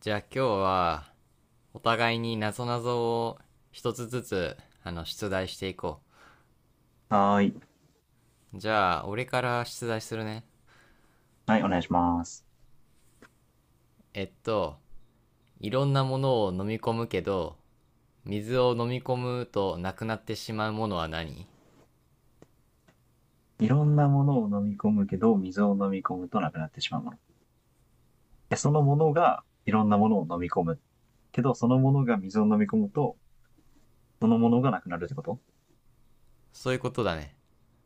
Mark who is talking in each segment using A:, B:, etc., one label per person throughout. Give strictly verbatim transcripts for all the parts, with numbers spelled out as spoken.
A: じゃあ今日はお互いに謎々を一つずつあの出題していこ
B: はーい。
A: う。じゃあ俺から出題するね。
B: はい、お願いします。
A: えっと、いろんなものを飲み込むけど、水を飲み込むとなくなってしまうものは何？
B: いろんなものを飲み込むけど、水を飲み込むとなくなってしまうもの。でそのものがいろんなものを飲み込む。けど、そのものが水を飲み込むと、そのものがなくなるってこと。
A: そういうことだね。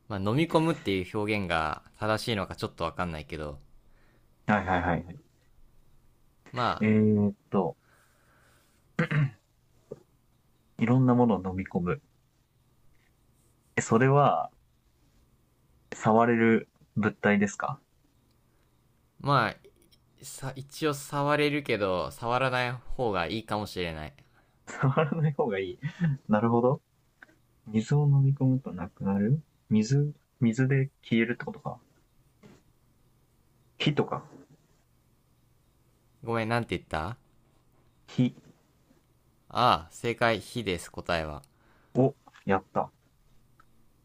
A: まあ飲み込むっていう表現が正しいのかちょっとわかんないけど、
B: はいはいはいはい。
A: ま
B: え
A: あ、
B: ー、っと、いろんなものを飲み込む。え、それは、触れる物体ですか？
A: まあ、さ一応触れるけど、触らない方がいいかもしれない。
B: 触らない方がいい。なるほど。水を飲み込むとなくなる水、水で消えるってことか。火とか。
A: ごめん、なんて言った？
B: 火
A: ああ、正解、火です、答えは。
B: を。やった。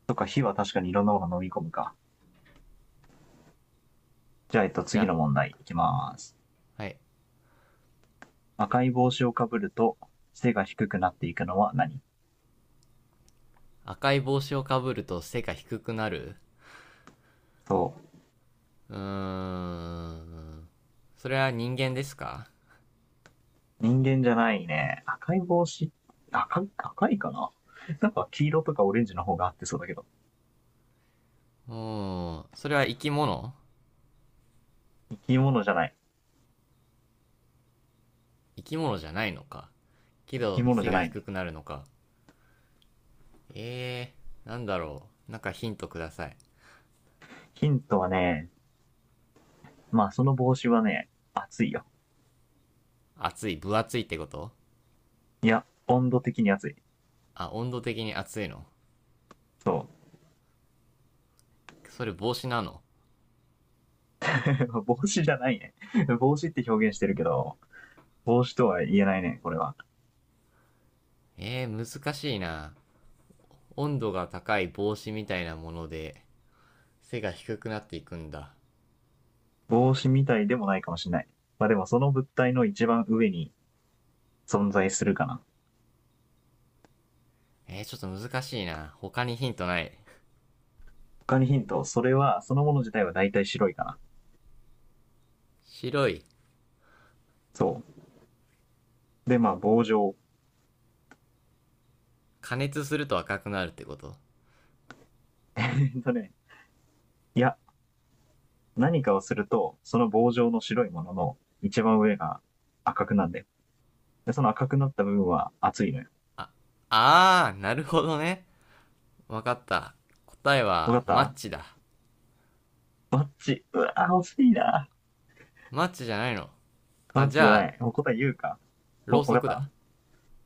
B: とか、火は確かにいろんなものを飲み込むか。じゃあ、えっと、
A: じゃ
B: 次
A: あ、
B: の問題いきます。
A: はい。
B: 赤い帽子をかぶると背が低くなっていくのは何？
A: 赤い帽子をかぶると背が低くなる。
B: そう。
A: うーん。それは人間ですか？
B: 人間じゃないね。赤い帽子、赤い、赤いかな。 なんか黄色とかオレンジの方が合ってそうだけど。
A: うーん。それは生き物？
B: 生き物じゃない。
A: 生き物じゃないのか。け
B: 生き
A: ど、
B: 物じ
A: 背
B: ゃ
A: が
B: ない
A: 低
B: ね。
A: くなるのか。えー、なんだろう。なんかヒントください。
B: ヒントはね、まあその帽子はね、暑いよ。
A: 暑い、分厚いってこと？
B: いや、温度的に暑い。
A: あ、温度的に暑いの。
B: そう。
A: それ帽子なの？
B: 帽子じゃないね。帽子って表現してるけど、帽子とは言えないね、これは。
A: えー、難しいな。温度が高い帽子みたいなもので、背が低くなっていくんだ。
B: 帽子みたいでもないかもしれない。まあでもその物体の一番上に存在するかな。
A: えー、ちょっと難しいな。他にヒントない？
B: 他にヒント、それは、そのもの自体は大体白いかな。
A: 白い。
B: そう。で、まあ、棒状。
A: 加熱すると赤くなるってこと？
B: えっとね、いや、何かをすると、その棒状の白いものの一番上が赤くなんだよ。で、その赤くなった部分は熱いのよ。
A: あー、なるほどね。わかった。答えは、
B: わ
A: マ
B: かった。
A: ッチだ。
B: バッチ。うわぁ、惜しいな。
A: マッチじゃないの？
B: バ
A: あ、
B: ッチ
A: じ
B: じゃ
A: ゃ
B: な
A: あ、
B: い。もう答え言うか。お、
A: ろうそ
B: わ
A: く
B: かった。
A: だ。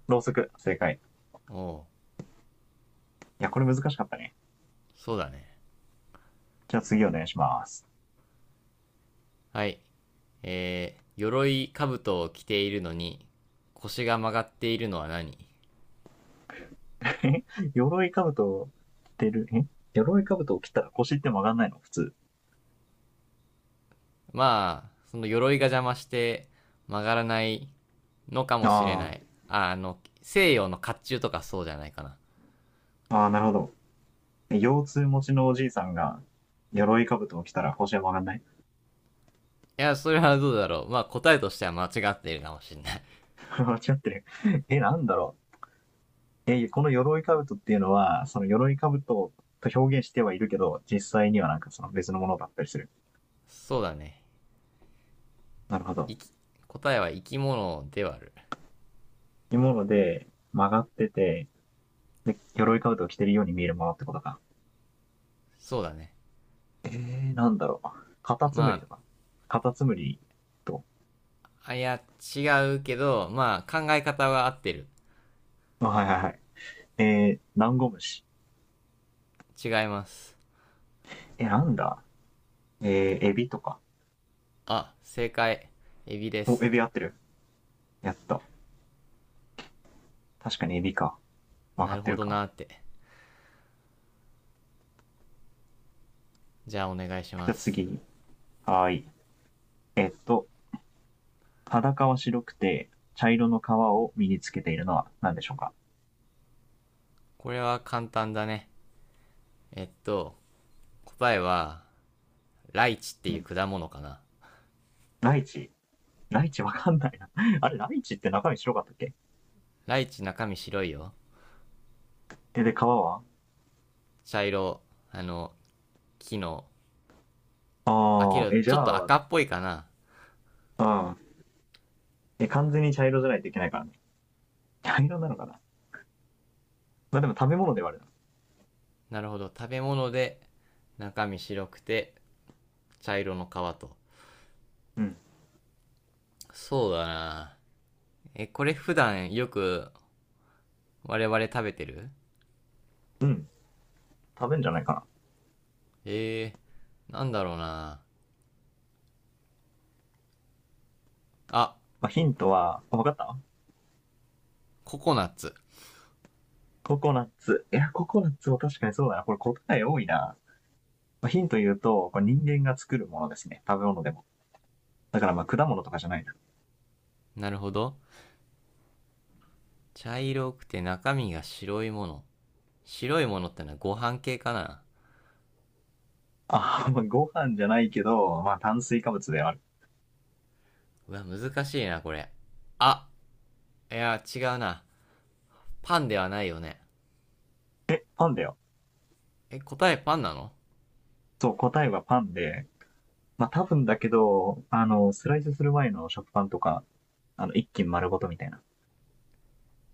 B: ろうそく。正解。
A: おう、
B: いや、これ難しかったね。
A: そうだね。
B: じゃあ次お願いします。
A: はい。えー、鎧兜を着ているのに、腰が曲がっているのは何？
B: 鎧兜を着てる。え鎧兜を着たら腰って曲がんないの普通？
A: まあ、その鎧が邪魔して曲がらないのかもしれ
B: あ
A: ない。
B: あ。
A: あ、あの、西洋の甲冑とかそうじゃないかな。
B: ああ、なるほど。腰痛持ちのおじいさんが、鎧兜を着たら星は曲がんない。
A: いや、それはどうだろう。まあ、答えとしては間違っているかもしれない。
B: 間違ってる。え、なんだろう。え、この鎧兜っていうのは、その鎧兜と表現してはいるけど、実際にはなんかその別のものだったりする。
A: そうだね。
B: なるほど。
A: いき、答えは生き物ではある。
B: いうもので、曲がってて、で、鎧兜を着てるように見えるものってことか。
A: そうだね。
B: えー、なんだろう。カタツ
A: ま
B: ムリとか。カタツムリと。
A: あ、あ、いや、違うけど、まあ、考え方は合ってる。
B: あ、はいはいはい。えー、ダンゴムシ。
A: 違います。
B: え、なんだ。えー、エビとか。
A: あ、正解。エビで
B: お、
A: す。
B: エビ合ってる。やった。確かにエビか。曲
A: な
B: がっ
A: る
B: て
A: ほ
B: る
A: ど
B: か。
A: なーって。じゃあ、お願いしま
B: じゃあ
A: す。
B: 次。はい。えっと、裸は白くて、茶色の皮を身につけているのは何でしょうか？
A: これは簡単だね。えっと、答えは、ライチって
B: う
A: いう
B: ん。
A: 果物かな。
B: ライチ。ライチわかんないな。あれ、ライチって中身白かったっけ。
A: ライチ中身白いよ。
B: え、で、皮は？
A: 茶色、あの、木の、あ、け
B: ああ、
A: ど、
B: え、じ
A: ちょ
B: ゃ
A: っと
B: あ、
A: 赤っぽいかな。
B: うん。え、完全に茶色じゃないといけないからね。茶色なのかな？まあでも食べ物ではある。
A: なるほど。食べ物で、中身白くて、茶色の皮と。
B: うん。
A: そうだな。え、これ普段よく我々食べてる？
B: うん。食べんじゃないかな。ま
A: えー、なんだろうな。あ、
B: あヒントは。わかった。
A: ココナッツ。
B: ココナッツ。いや、ココナッツも確かにそうだな。これ答え多いな。品とヒント言うと、これ人間が作るものですね。食べ物でも。だからまあ果物とかじゃないな。
A: なるほど。茶色くて中身が白いもの。白いものってのはご飯系かな。
B: あ、まあご飯じゃないけど、まあ炭水化物である。
A: うわ、難しいな、これ。あ、いや、違うな。パンではないよね。
B: パンだよ。
A: え、答えパンなの？
B: そう、答えはパンで、まあ多分だけど、あの、スライスする前の食パンとか、あの、一斤丸ごとみたいな。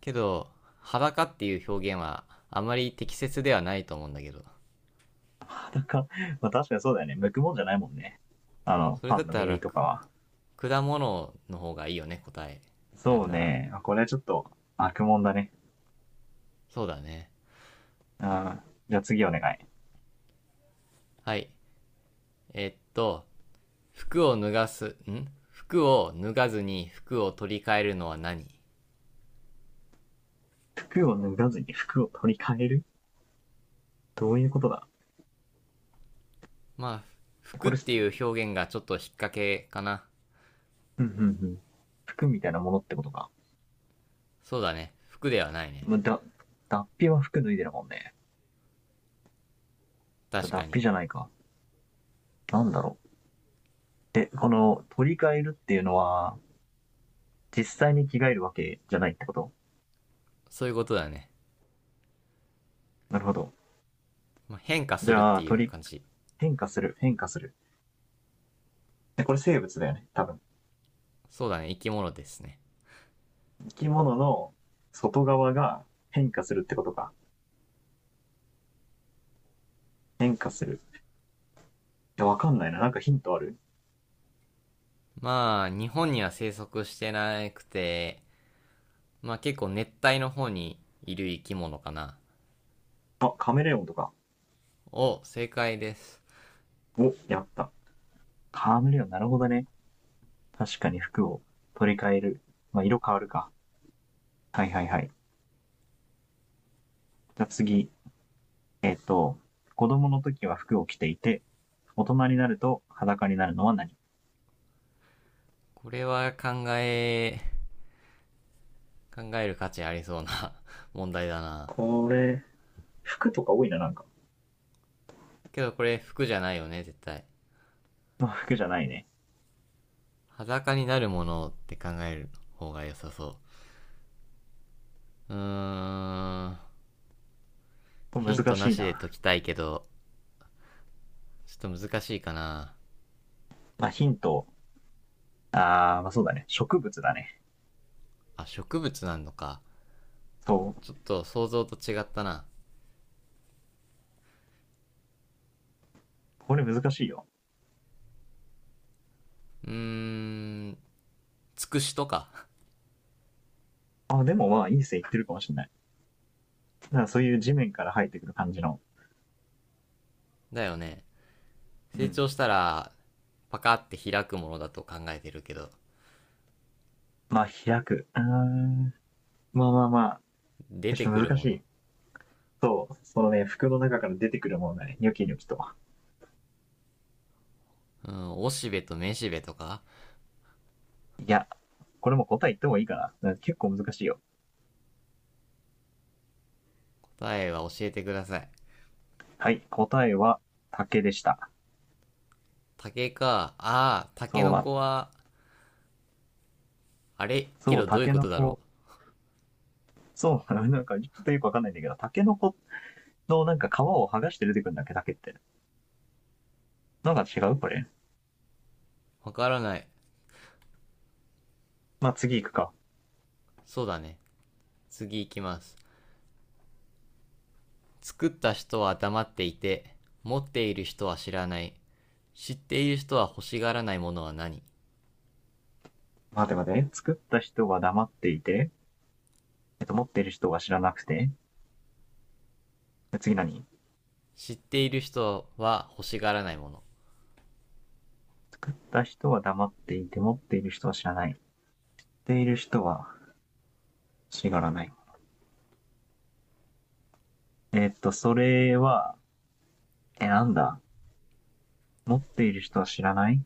A: けど、裸っていう表現はあまり適切ではないと思うんだけど。
B: なんか、まあ確かにそうだよね。剥くもんじゃないもんね。あの、
A: それ
B: パ
A: だっ
B: ンの
A: たら、
B: 耳とかは。
A: 果物の方がいいよね、答え。なる
B: そう
A: なら。
B: ね。これはちょっと悪もんだね。
A: そうだね。
B: ああ、じゃあ次お願い。
A: はい。えっと、服を脱がす、ん服を脱がずに服を取り替えるのは何？
B: 服を脱がずに服を取り替える。どういうことだ？
A: まあ、服
B: こ
A: っ
B: れ、
A: ていう表現がちょっと引っ掛けかな。
B: うんうんうん。服みたいなものってことか。
A: そうだね。服ではないね。
B: まだ、脱皮は服脱いでるもんね。だ
A: 確か
B: 脱
A: に。
B: 皮じゃないか。なんだろう。え、この、取り替えるっていうのは、実際に着替えるわけじゃないってこと？
A: そういうことだね。
B: なるほど。
A: まあ、変化す
B: じ
A: るっ
B: ゃ
A: て
B: あ、
A: いう
B: 取り、
A: 感じ。
B: 変化する、変化する。え、これ生物だよね、多分。
A: そうだね。生き物ですね。
B: 生き物の外側が変化するってことか。変化する。いや、わかんないな。なんかヒントある？
A: まあ、日本には生息してなくて、まあ結構熱帯の方にいる生き物かな。
B: あ、カメレオンとか。
A: お、正解です。
B: お、やった。カメレオン、なるほどね。確かに服を取り替える。まあ、色変わるか。はいはいはい。じゃあ次、えっ、と、子供の時は服を着ていて、大人になると裸になるのは何？
A: これは考え、考える価値ありそうな 問題だな。
B: これ、服とか多いな、なんか。
A: けどこれ服じゃないよね、絶対。
B: まあ服じゃないね。
A: 裸になるものって考える方が良さそう。うーん。ヒン
B: 難
A: トな
B: しい
A: しで解
B: な。
A: きたいけど、ちょっと難しいかな。
B: まあヒント、あー、まあそうだね。植物だね。
A: あ、植物なんのか。
B: そ
A: ちょ
B: う。
A: っと想像と違ったな。
B: これ難しいよ。
A: うーん、つくしとか。
B: あ、でもまあいい線いってるかもしれない。だからそういう地面から生えてくる感じの。
A: だよね。
B: う
A: 成
B: ん。
A: 長したら、パカって開くものだと考えてるけど、
B: まあ開く。あーまあまあまあ。
A: 出
B: ち
A: て
B: ょ
A: く
B: っと
A: る
B: 難し
A: もの。
B: い。そう、そのね、服の中から出てくるものだね。ニョキニョキと。
A: うん、おしべとめしべとか。
B: いや、これも答え言ってもいいかな。だから結構難しいよ。
A: 答えは教えてください。
B: はい、答えは竹でした。
A: 竹か。ああ、竹
B: そう、
A: の
B: ま、
A: 子は、あれキ
B: そう、
A: ロどういう
B: 竹
A: こ
B: の
A: とだろ
B: 子、そう、なんかちょっとよくわかんないんだけど、竹の子のなんか皮を剥がして出てくるんだっけ、竹って。なんか違うこれ。
A: う。わからない。
B: まあ、次行くか。
A: そうだね。次行きます。作った人は黙っていて、持っている人は知らない。知っている人は欲しがらないものは何？
B: 待て待て。作った人は黙っていて、えっと、持っている人は知らなくて。次何？
A: 知っている人は欲しがらないもの。
B: 作った人は黙っていて、持っている人は知らない。持っている人は知らない。えっと、それは、え、なんだ。持っている人は知らない。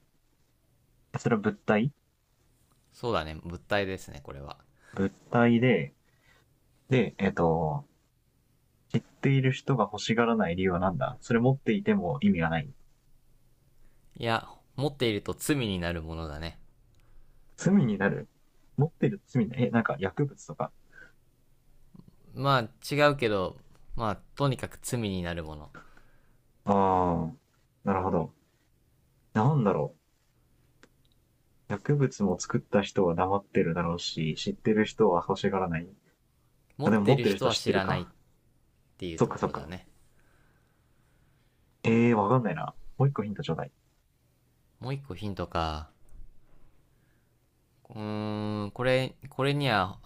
B: それは物体？
A: そうだね。物体ですね、これは。
B: 物体で、で、えっと、知っている人が欲しがらない理由は何だ？それ持っていても意味がない。
A: いや、持っていると罪になるものだね。
B: 罪になる。持ってる罪になる。え、なんか薬物とか。
A: まあ、違うけど、まあ、とにかく罪になるもの。
B: ああ、なるほど。なんだろう。薬物も作った人は黙ってるだろうし、知ってる人は欲しがらない。
A: 持
B: あ、
A: っ
B: でも
A: てい
B: 持っ
A: る
B: てる
A: 人
B: 人は
A: は
B: 知っ
A: 知
B: てる
A: らない
B: か。
A: っていう
B: そっ
A: と
B: か
A: こ
B: そっ
A: ろだ
B: か。
A: ね。
B: ええー、わかんないな。もう一個ヒントちょうだい。
A: もう一個ヒントか。うーん、これ、これには、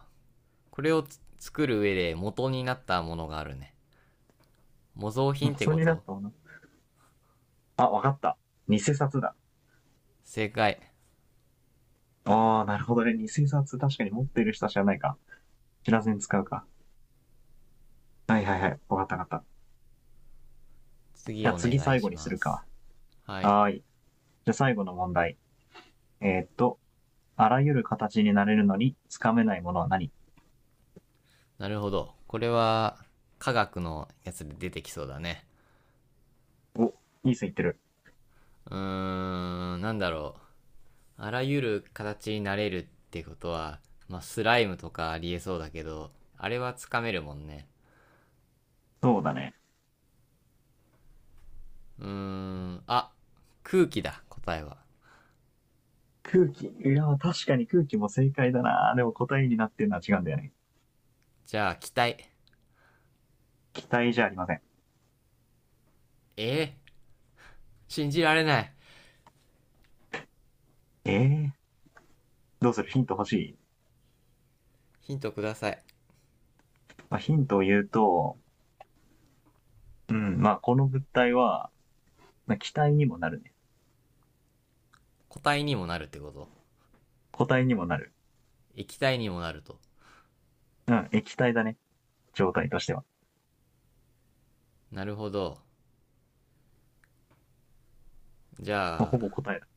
A: これを作る上で元になったものがあるね。模造
B: も
A: 品
B: う
A: って
B: それ
A: こ
B: になっ
A: と？
B: たもんな。あ、わかった。偽札だ。
A: 正解。
B: ああ、なるほどね。偽札確かに持ってる人は知らないか。知らずに使うか。はいはいはい。わかったわかった。
A: 次
B: じゃあ
A: お
B: 次
A: 願い
B: 最後
A: し
B: にす
A: ま
B: る
A: す。
B: か。
A: はい。
B: はーい。じゃあ最後の問題。えーっと、あらゆる形になれるのにつかめないものは何？
A: なるほど。これは、科学のやつで出てきそうだね。
B: お、いい線いってる。
A: うーん、なんだろう。あらゆる形になれるってことは、まあ、スライムとかありえそうだけど、あれはつかめるもんね。
B: そうだね。
A: うーん、あ、空気だ、答えは。
B: 空気。いや、確かに空気も正解だな。でも答えになってるのは違うんだよね。
A: じゃあ、気体。
B: 期体じゃありません。
A: え、信じられない。
B: えー、どうする。ヒント欲しい？
A: ヒントください。
B: まあ、ヒントを言うと、うん、まあこの物体は、まあ、気体にもなるね。
A: 固体にもなるってこと？
B: 固体にもなる。
A: 液体にもなると。
B: うん、液体だね。状態としては。
A: なるほど。じ
B: まあ、
A: ゃ
B: ほ
A: あ、
B: ぼ答えだ。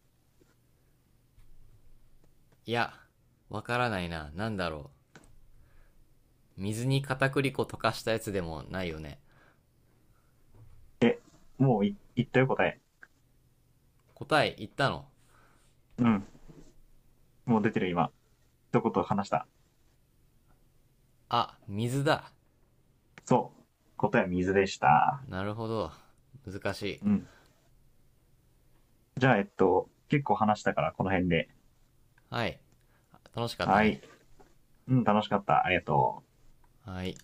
A: いや、わからないな。なんだろう。水に片栗粉溶かしたやつでもないよね。
B: もうい言ったよ答え。
A: 答え言ったの？
B: うん、もう出てる今。一言話した。
A: あ、水だ。
B: そう。答えは水でした。
A: なるほど。難しい。
B: うん。じゃあ、えっと、結構話したからこの辺で。
A: はい。楽しかった
B: はい。
A: ね。
B: うん、楽しかった。ありがとう。
A: はい。